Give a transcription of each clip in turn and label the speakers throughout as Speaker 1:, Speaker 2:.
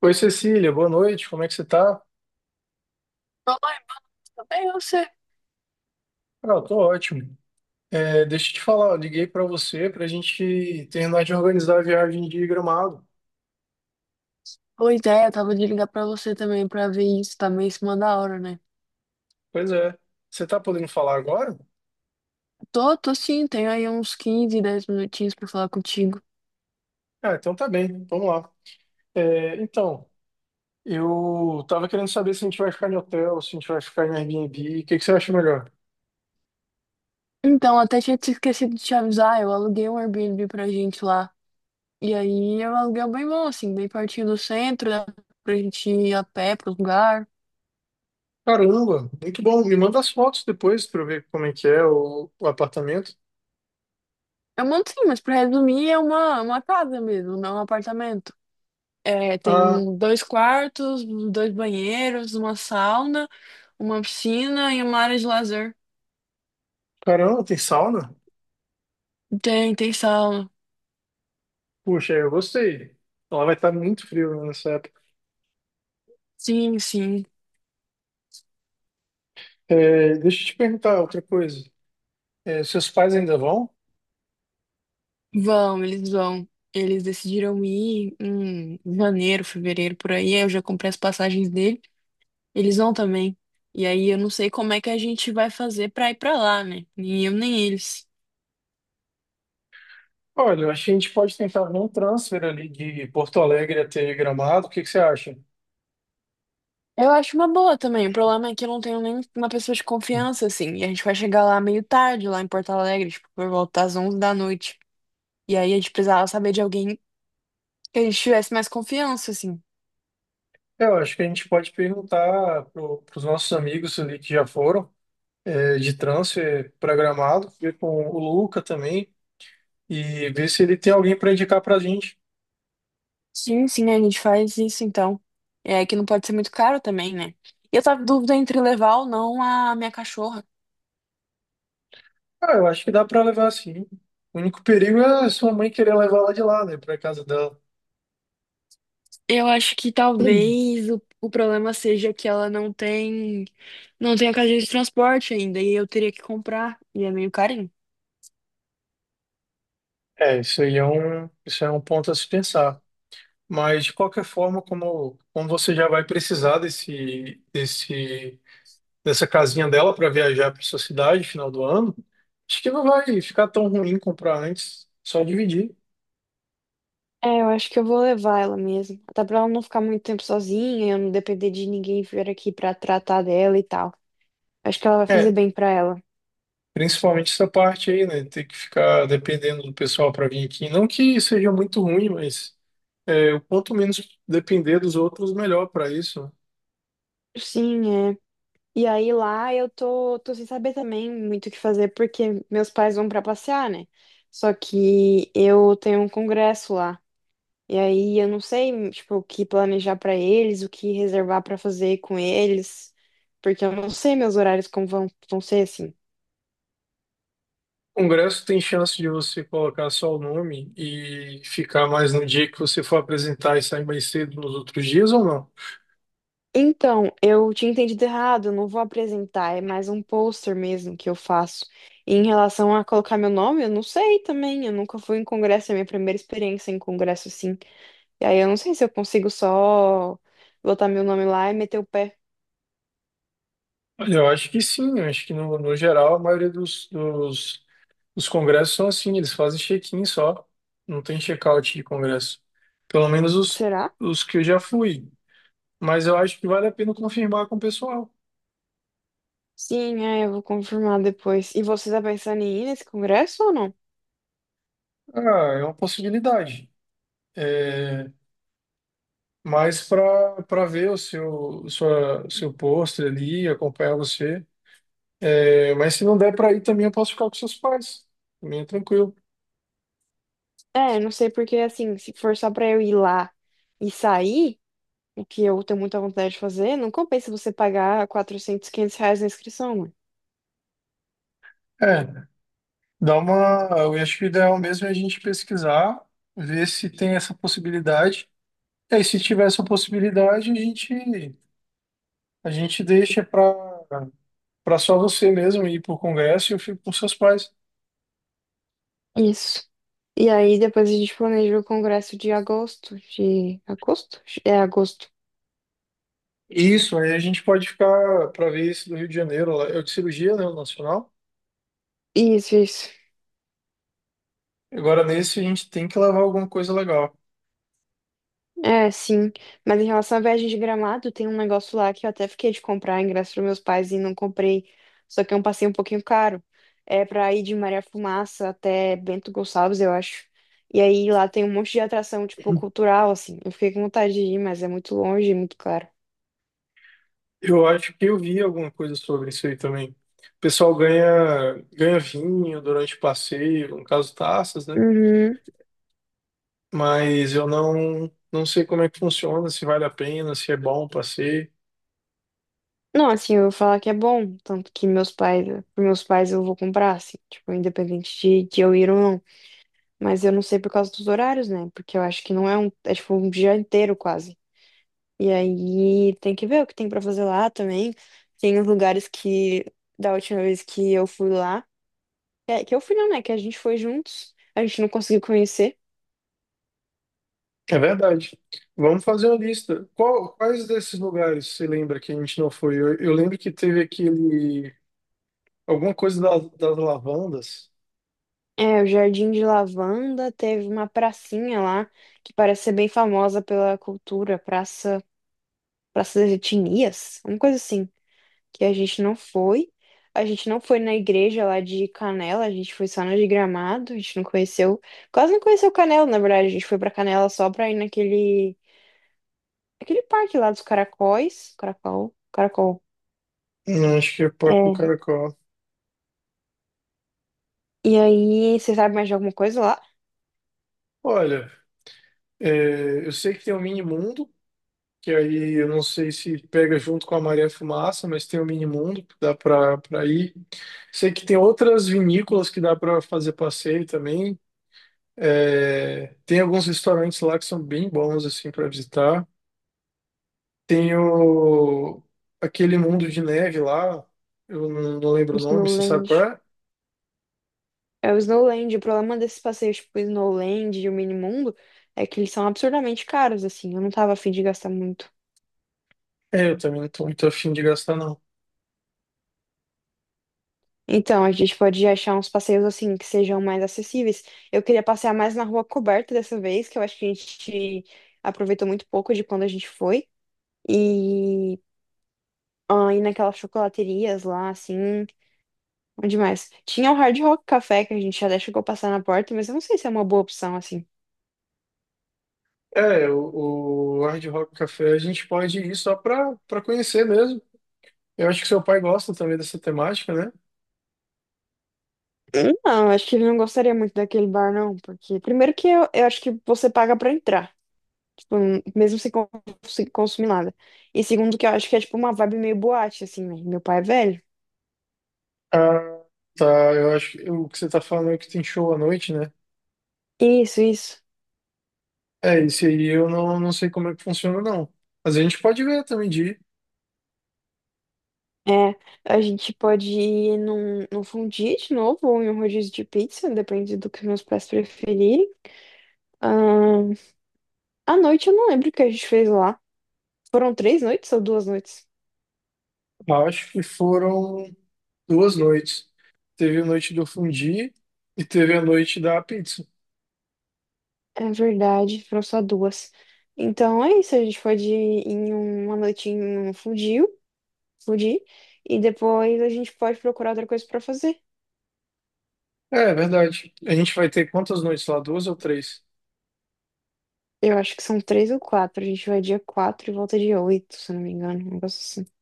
Speaker 1: Oi, Cecília, boa noite, como é que você tá?
Speaker 2: Olá, tudo bem e você?
Speaker 1: Ah, eu tô ótimo. É, deixa eu te falar, eu liguei pra você pra gente terminar de organizar a viagem de Gramado.
Speaker 2: Boa ideia, tava de ligar pra você também pra ver isso, tá meio em cima da hora, né?
Speaker 1: Pois é, você tá podendo falar agora?
Speaker 2: Tô sim, tenho aí uns 15, 10 minutinhos pra falar contigo.
Speaker 1: Ah, então tá bem, vamos lá. É, então, eu tava querendo saber se a gente vai ficar em hotel, se a gente vai ficar em Airbnb, o que que você acha melhor?
Speaker 2: Então, até tinha te esquecido de te avisar, eu aluguei um Airbnb pra gente lá. E aí eu aluguei um aluguel bem bom, assim, bem pertinho do centro, dá pra gente ir a pé pro lugar.
Speaker 1: Caramba, muito bom, me manda as fotos depois pra eu ver como é que é o apartamento.
Speaker 2: É um monte sim, mas pra resumir, é uma casa mesmo, não é um apartamento. É, tem
Speaker 1: Ah,
Speaker 2: um, dois quartos, dois banheiros, uma sauna, uma piscina e uma área de lazer.
Speaker 1: caramba, tem sauna?
Speaker 2: Tem sala.
Speaker 1: Puxa, eu gostei. Ela vai estar muito frio né, nessa época.
Speaker 2: Sim, sim.
Speaker 1: É, deixa eu te perguntar outra coisa. É, seus pais ainda vão?
Speaker 2: Vão. Eles decidiram ir em janeiro, fevereiro, por aí. Aí eu já comprei as passagens dele. Eles vão também. E aí eu não sei como é que a gente vai fazer pra ir pra lá, né? Nem eu, nem eles.
Speaker 1: Olha, eu acho que a gente pode tentar ver um transfer ali de Porto Alegre até Gramado. O que que você acha?
Speaker 2: Eu acho uma boa também. O problema é que eu não tenho nem uma pessoa de confiança, assim. E a gente vai chegar lá meio tarde, lá em Porto Alegre, tipo, por volta das 11 da noite. E aí a gente precisava saber de alguém que a gente tivesse mais confiança, assim.
Speaker 1: Eu acho que a gente pode perguntar para os nossos amigos ali que já foram é, de transfer para Gramado, ver com o Luca também e ver se ele tem alguém para indicar para a gente.
Speaker 2: Sim, sim, a gente faz isso então. É que não pode ser muito caro também, né? E eu tava em dúvida entre levar ou não a minha cachorra.
Speaker 1: Ah, eu acho que dá para levar sim. O único perigo é sua mãe querer levar ela de lá, né, para casa dela.
Speaker 2: Eu acho que talvez o problema seja que ela não tem a cadeia de transporte ainda, e eu teria que comprar, e é meio carinho.
Speaker 1: É, isso aí é um, isso é um ponto a se pensar. Mas de qualquer forma, como, como você já vai precisar desse dessa casinha dela para viajar para sua cidade final do ano, acho que não vai ficar tão ruim comprar antes, só dividir.
Speaker 2: É, eu acho que eu vou levar ela mesmo. Até pra ela não ficar muito tempo sozinha, eu não depender de ninguém vir aqui pra tratar dela e tal. Acho que ela vai fazer
Speaker 1: É,
Speaker 2: bem pra ela.
Speaker 1: principalmente essa parte aí, né? Ter que ficar dependendo do pessoal para vir aqui. Não que seja muito ruim, mas é, o quanto menos depender dos outros, melhor para isso. né?
Speaker 2: Sim, é. E aí lá eu tô sem saber também muito o que fazer, porque meus pais vão pra passear, né? Só que eu tenho um congresso lá. E aí eu não sei, tipo, o que planejar pra eles, o que reservar pra fazer com eles, porque eu não sei meus horários como vão ser assim.
Speaker 1: Congresso tem chance de você colocar só o nome e ficar mais no dia que você for apresentar e sair mais cedo nos outros dias ou não?
Speaker 2: Então, eu tinha entendido errado, eu não vou apresentar, é mais um pôster mesmo que eu faço. E em relação a colocar meu nome, eu não sei também, eu nunca fui em congresso, é a minha primeira experiência em congresso assim. E aí eu não sei se eu consigo só botar meu nome lá e meter o pé.
Speaker 1: Olha, eu acho que sim, eu acho que no geral a maioria dos dos congressos são assim, eles fazem check-in só, não tem check-out de congresso. Pelo menos
Speaker 2: Será?
Speaker 1: os que eu já fui, mas eu acho que vale a pena confirmar com o pessoal.
Speaker 2: Sim, é, eu vou confirmar depois. E você tá pensando em ir nesse congresso ou não?
Speaker 1: Ah, é uma possibilidade. É, mas para ver o seu, sua, seu pôster ali, acompanhar você. É, mas se não der para ir também, eu posso ficar com seus pais. Também é tranquilo.
Speaker 2: É, eu não sei porque, assim, se for só pra eu ir lá e sair, o que eu tenho muita vontade de fazer, não compensa você pagar R$ 400, R$ 500 na inscrição, mano.
Speaker 1: É. Dá uma, eu acho que o ideal mesmo é a gente pesquisar, ver se tem essa possibilidade. É, e aí, se tiver essa possibilidade, a gente deixa para só você mesmo ir para o Congresso e eu fico com seus pais.
Speaker 2: Isso. E aí depois a gente planeja o congresso de agosto, de agosto? É agosto.
Speaker 1: Isso, aí a gente pode ficar para ver esse do Rio de Janeiro, lá. É o de cirurgia, né, o nacional.
Speaker 2: Isso, isso.
Speaker 1: Agora nesse a gente tem que levar alguma coisa legal.
Speaker 2: É, sim. Mas em relação à viagem de Gramado, tem um negócio lá que eu até fiquei de comprar ingresso para meus pais e não comprei. Só que é um passeio um pouquinho caro. É para ir de Maria Fumaça até Bento Gonçalves, eu acho. E aí lá tem um monte de atração, tipo, cultural, assim. Eu fiquei com vontade de ir, mas é muito longe e muito caro.
Speaker 1: Eu acho que eu vi alguma coisa sobre isso aí também. O pessoal ganha, ganha vinho durante o passeio, no caso taças, né?
Speaker 2: Uhum.
Speaker 1: Mas eu não, não sei como é que funciona, se vale a pena, se é bom o passeio.
Speaker 2: Não, assim, eu vou falar que é bom, tanto que meus pais, para meus pais eu vou comprar, assim, tipo, independente de eu ir ou não. Mas eu não sei por causa dos horários, né? Porque eu acho que não é um, é tipo um dia inteiro quase. E aí tem que ver o que tem pra fazer lá também. Tem os lugares que da última vez que eu fui lá, é, que eu fui não, né? Que a gente foi juntos, a gente não conseguiu conhecer.
Speaker 1: É verdade. Vamos fazer uma lista. Quais desses lugares você lembra que a gente não foi? Eu lembro que teve aquele. Alguma coisa das lavandas.
Speaker 2: É, o Jardim de Lavanda, teve uma pracinha lá que parece ser bem famosa pela cultura, praça, praça das etnias, uma coisa assim, que a gente não foi. A gente não foi na igreja lá de Canela, a gente foi só na de Gramado, a gente não conheceu, quase não conheceu Canela, na verdade, a gente foi pra Canela só pra ir naquele Aquele parque lá dos caracóis. Caracol. Caracol.
Speaker 1: Acho que é Parque do
Speaker 2: É.
Speaker 1: Caracol.
Speaker 2: E aí, você sabe mais de alguma coisa lá?
Speaker 1: Olha, é, eu sei que tem o Mini Mundo, que aí eu não sei se pega junto com a Maré Fumaça, mas tem o Mini Mundo que dá para ir. Sei que tem outras vinícolas que dá para fazer passeio também. É, tem alguns restaurantes lá que são bem bons assim para visitar. Tem o, aquele mundo de neve lá, eu não lembro o nome, você sabe qual
Speaker 2: Snowland.
Speaker 1: é?
Speaker 2: É o Snowland. O problema desses passeios, tipo, o Snowland e o Minimundo, é que eles são absurdamente caros, assim. Eu não tava afim de gastar muito.
Speaker 1: É, eu também não tô muito afim de gastar não.
Speaker 2: Então, a gente pode achar uns passeios, assim, que sejam mais acessíveis. Eu queria passear mais na rua coberta dessa vez, que eu acho que a gente aproveitou muito pouco de quando a gente foi. E ah, ir naquelas chocolaterias lá, assim. Bom demais. Tinha o Hard Rock Café que a gente já chegou a passar na porta, mas eu não sei se é uma boa opção, assim.
Speaker 1: É, o Hard Rock Café a gente pode ir só para conhecer mesmo. Eu acho que seu pai gosta também dessa temática, né?
Speaker 2: Não, acho que ele não gostaria muito daquele bar, não, porque primeiro que eu acho que você paga pra entrar, tipo, mesmo sem consumir nada. E segundo que eu acho que é tipo uma vibe meio boate, assim, né? Meu pai é velho.
Speaker 1: Ah, tá. Eu acho que o que você tá falando é que tem show à noite, né?
Speaker 2: Isso, isso.
Speaker 1: É, esse aí eu não, não sei como é que funciona, não. Mas a gente pode ver também de ir.
Speaker 2: É, a gente pode ir num fondue de novo ou em um rodízio de pizza, depende do que meus pais preferirem. Ahn, À noite eu não lembro o que a gente fez lá. Foram 3 noites ou 2 noites?
Speaker 1: Eu acho que foram duas noites. Teve a noite do fundi e teve a noite da pizza.
Speaker 2: É verdade, foram só duas. Então é isso, a gente pode ir em uma noite em um fundir, e depois a gente pode procurar outra coisa pra fazer.
Speaker 1: É, é verdade. A gente vai ter quantas noites lá? Duas ou três?
Speaker 2: Eu acho que são três ou quatro, a gente vai dia 4 e volta dia 8, se eu não me engano, um negócio assim.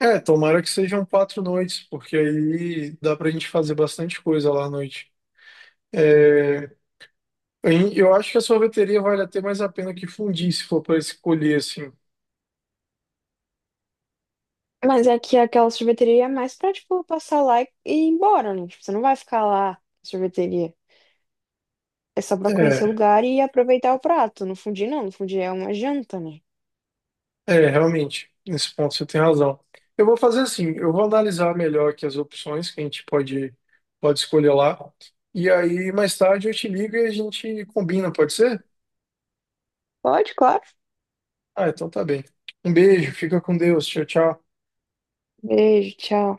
Speaker 1: É, tomara que sejam quatro noites, porque aí dá pra gente fazer bastante coisa lá à noite. É, eu acho que a sorveteria vale até mais a pena que fundir, se for para escolher assim.
Speaker 2: Mas é que aquela sorveteria é mais pra, tipo, passar lá e ir embora, né? Tipo, você não vai ficar lá na sorveteria. É só pra conhecer o
Speaker 1: É.
Speaker 2: lugar e aproveitar o prato. No fundir não, no fundir é uma janta, né?
Speaker 1: É, realmente, nesse ponto você tem razão. Eu vou fazer assim, eu vou analisar melhor aqui as opções que pode escolher lá. E aí, mais tarde, eu te ligo e a gente combina, pode ser?
Speaker 2: Pode, claro.
Speaker 1: Ah, então tá bem. Um beijo, fica com Deus, tchau, tchau.
Speaker 2: Beijo, tchau.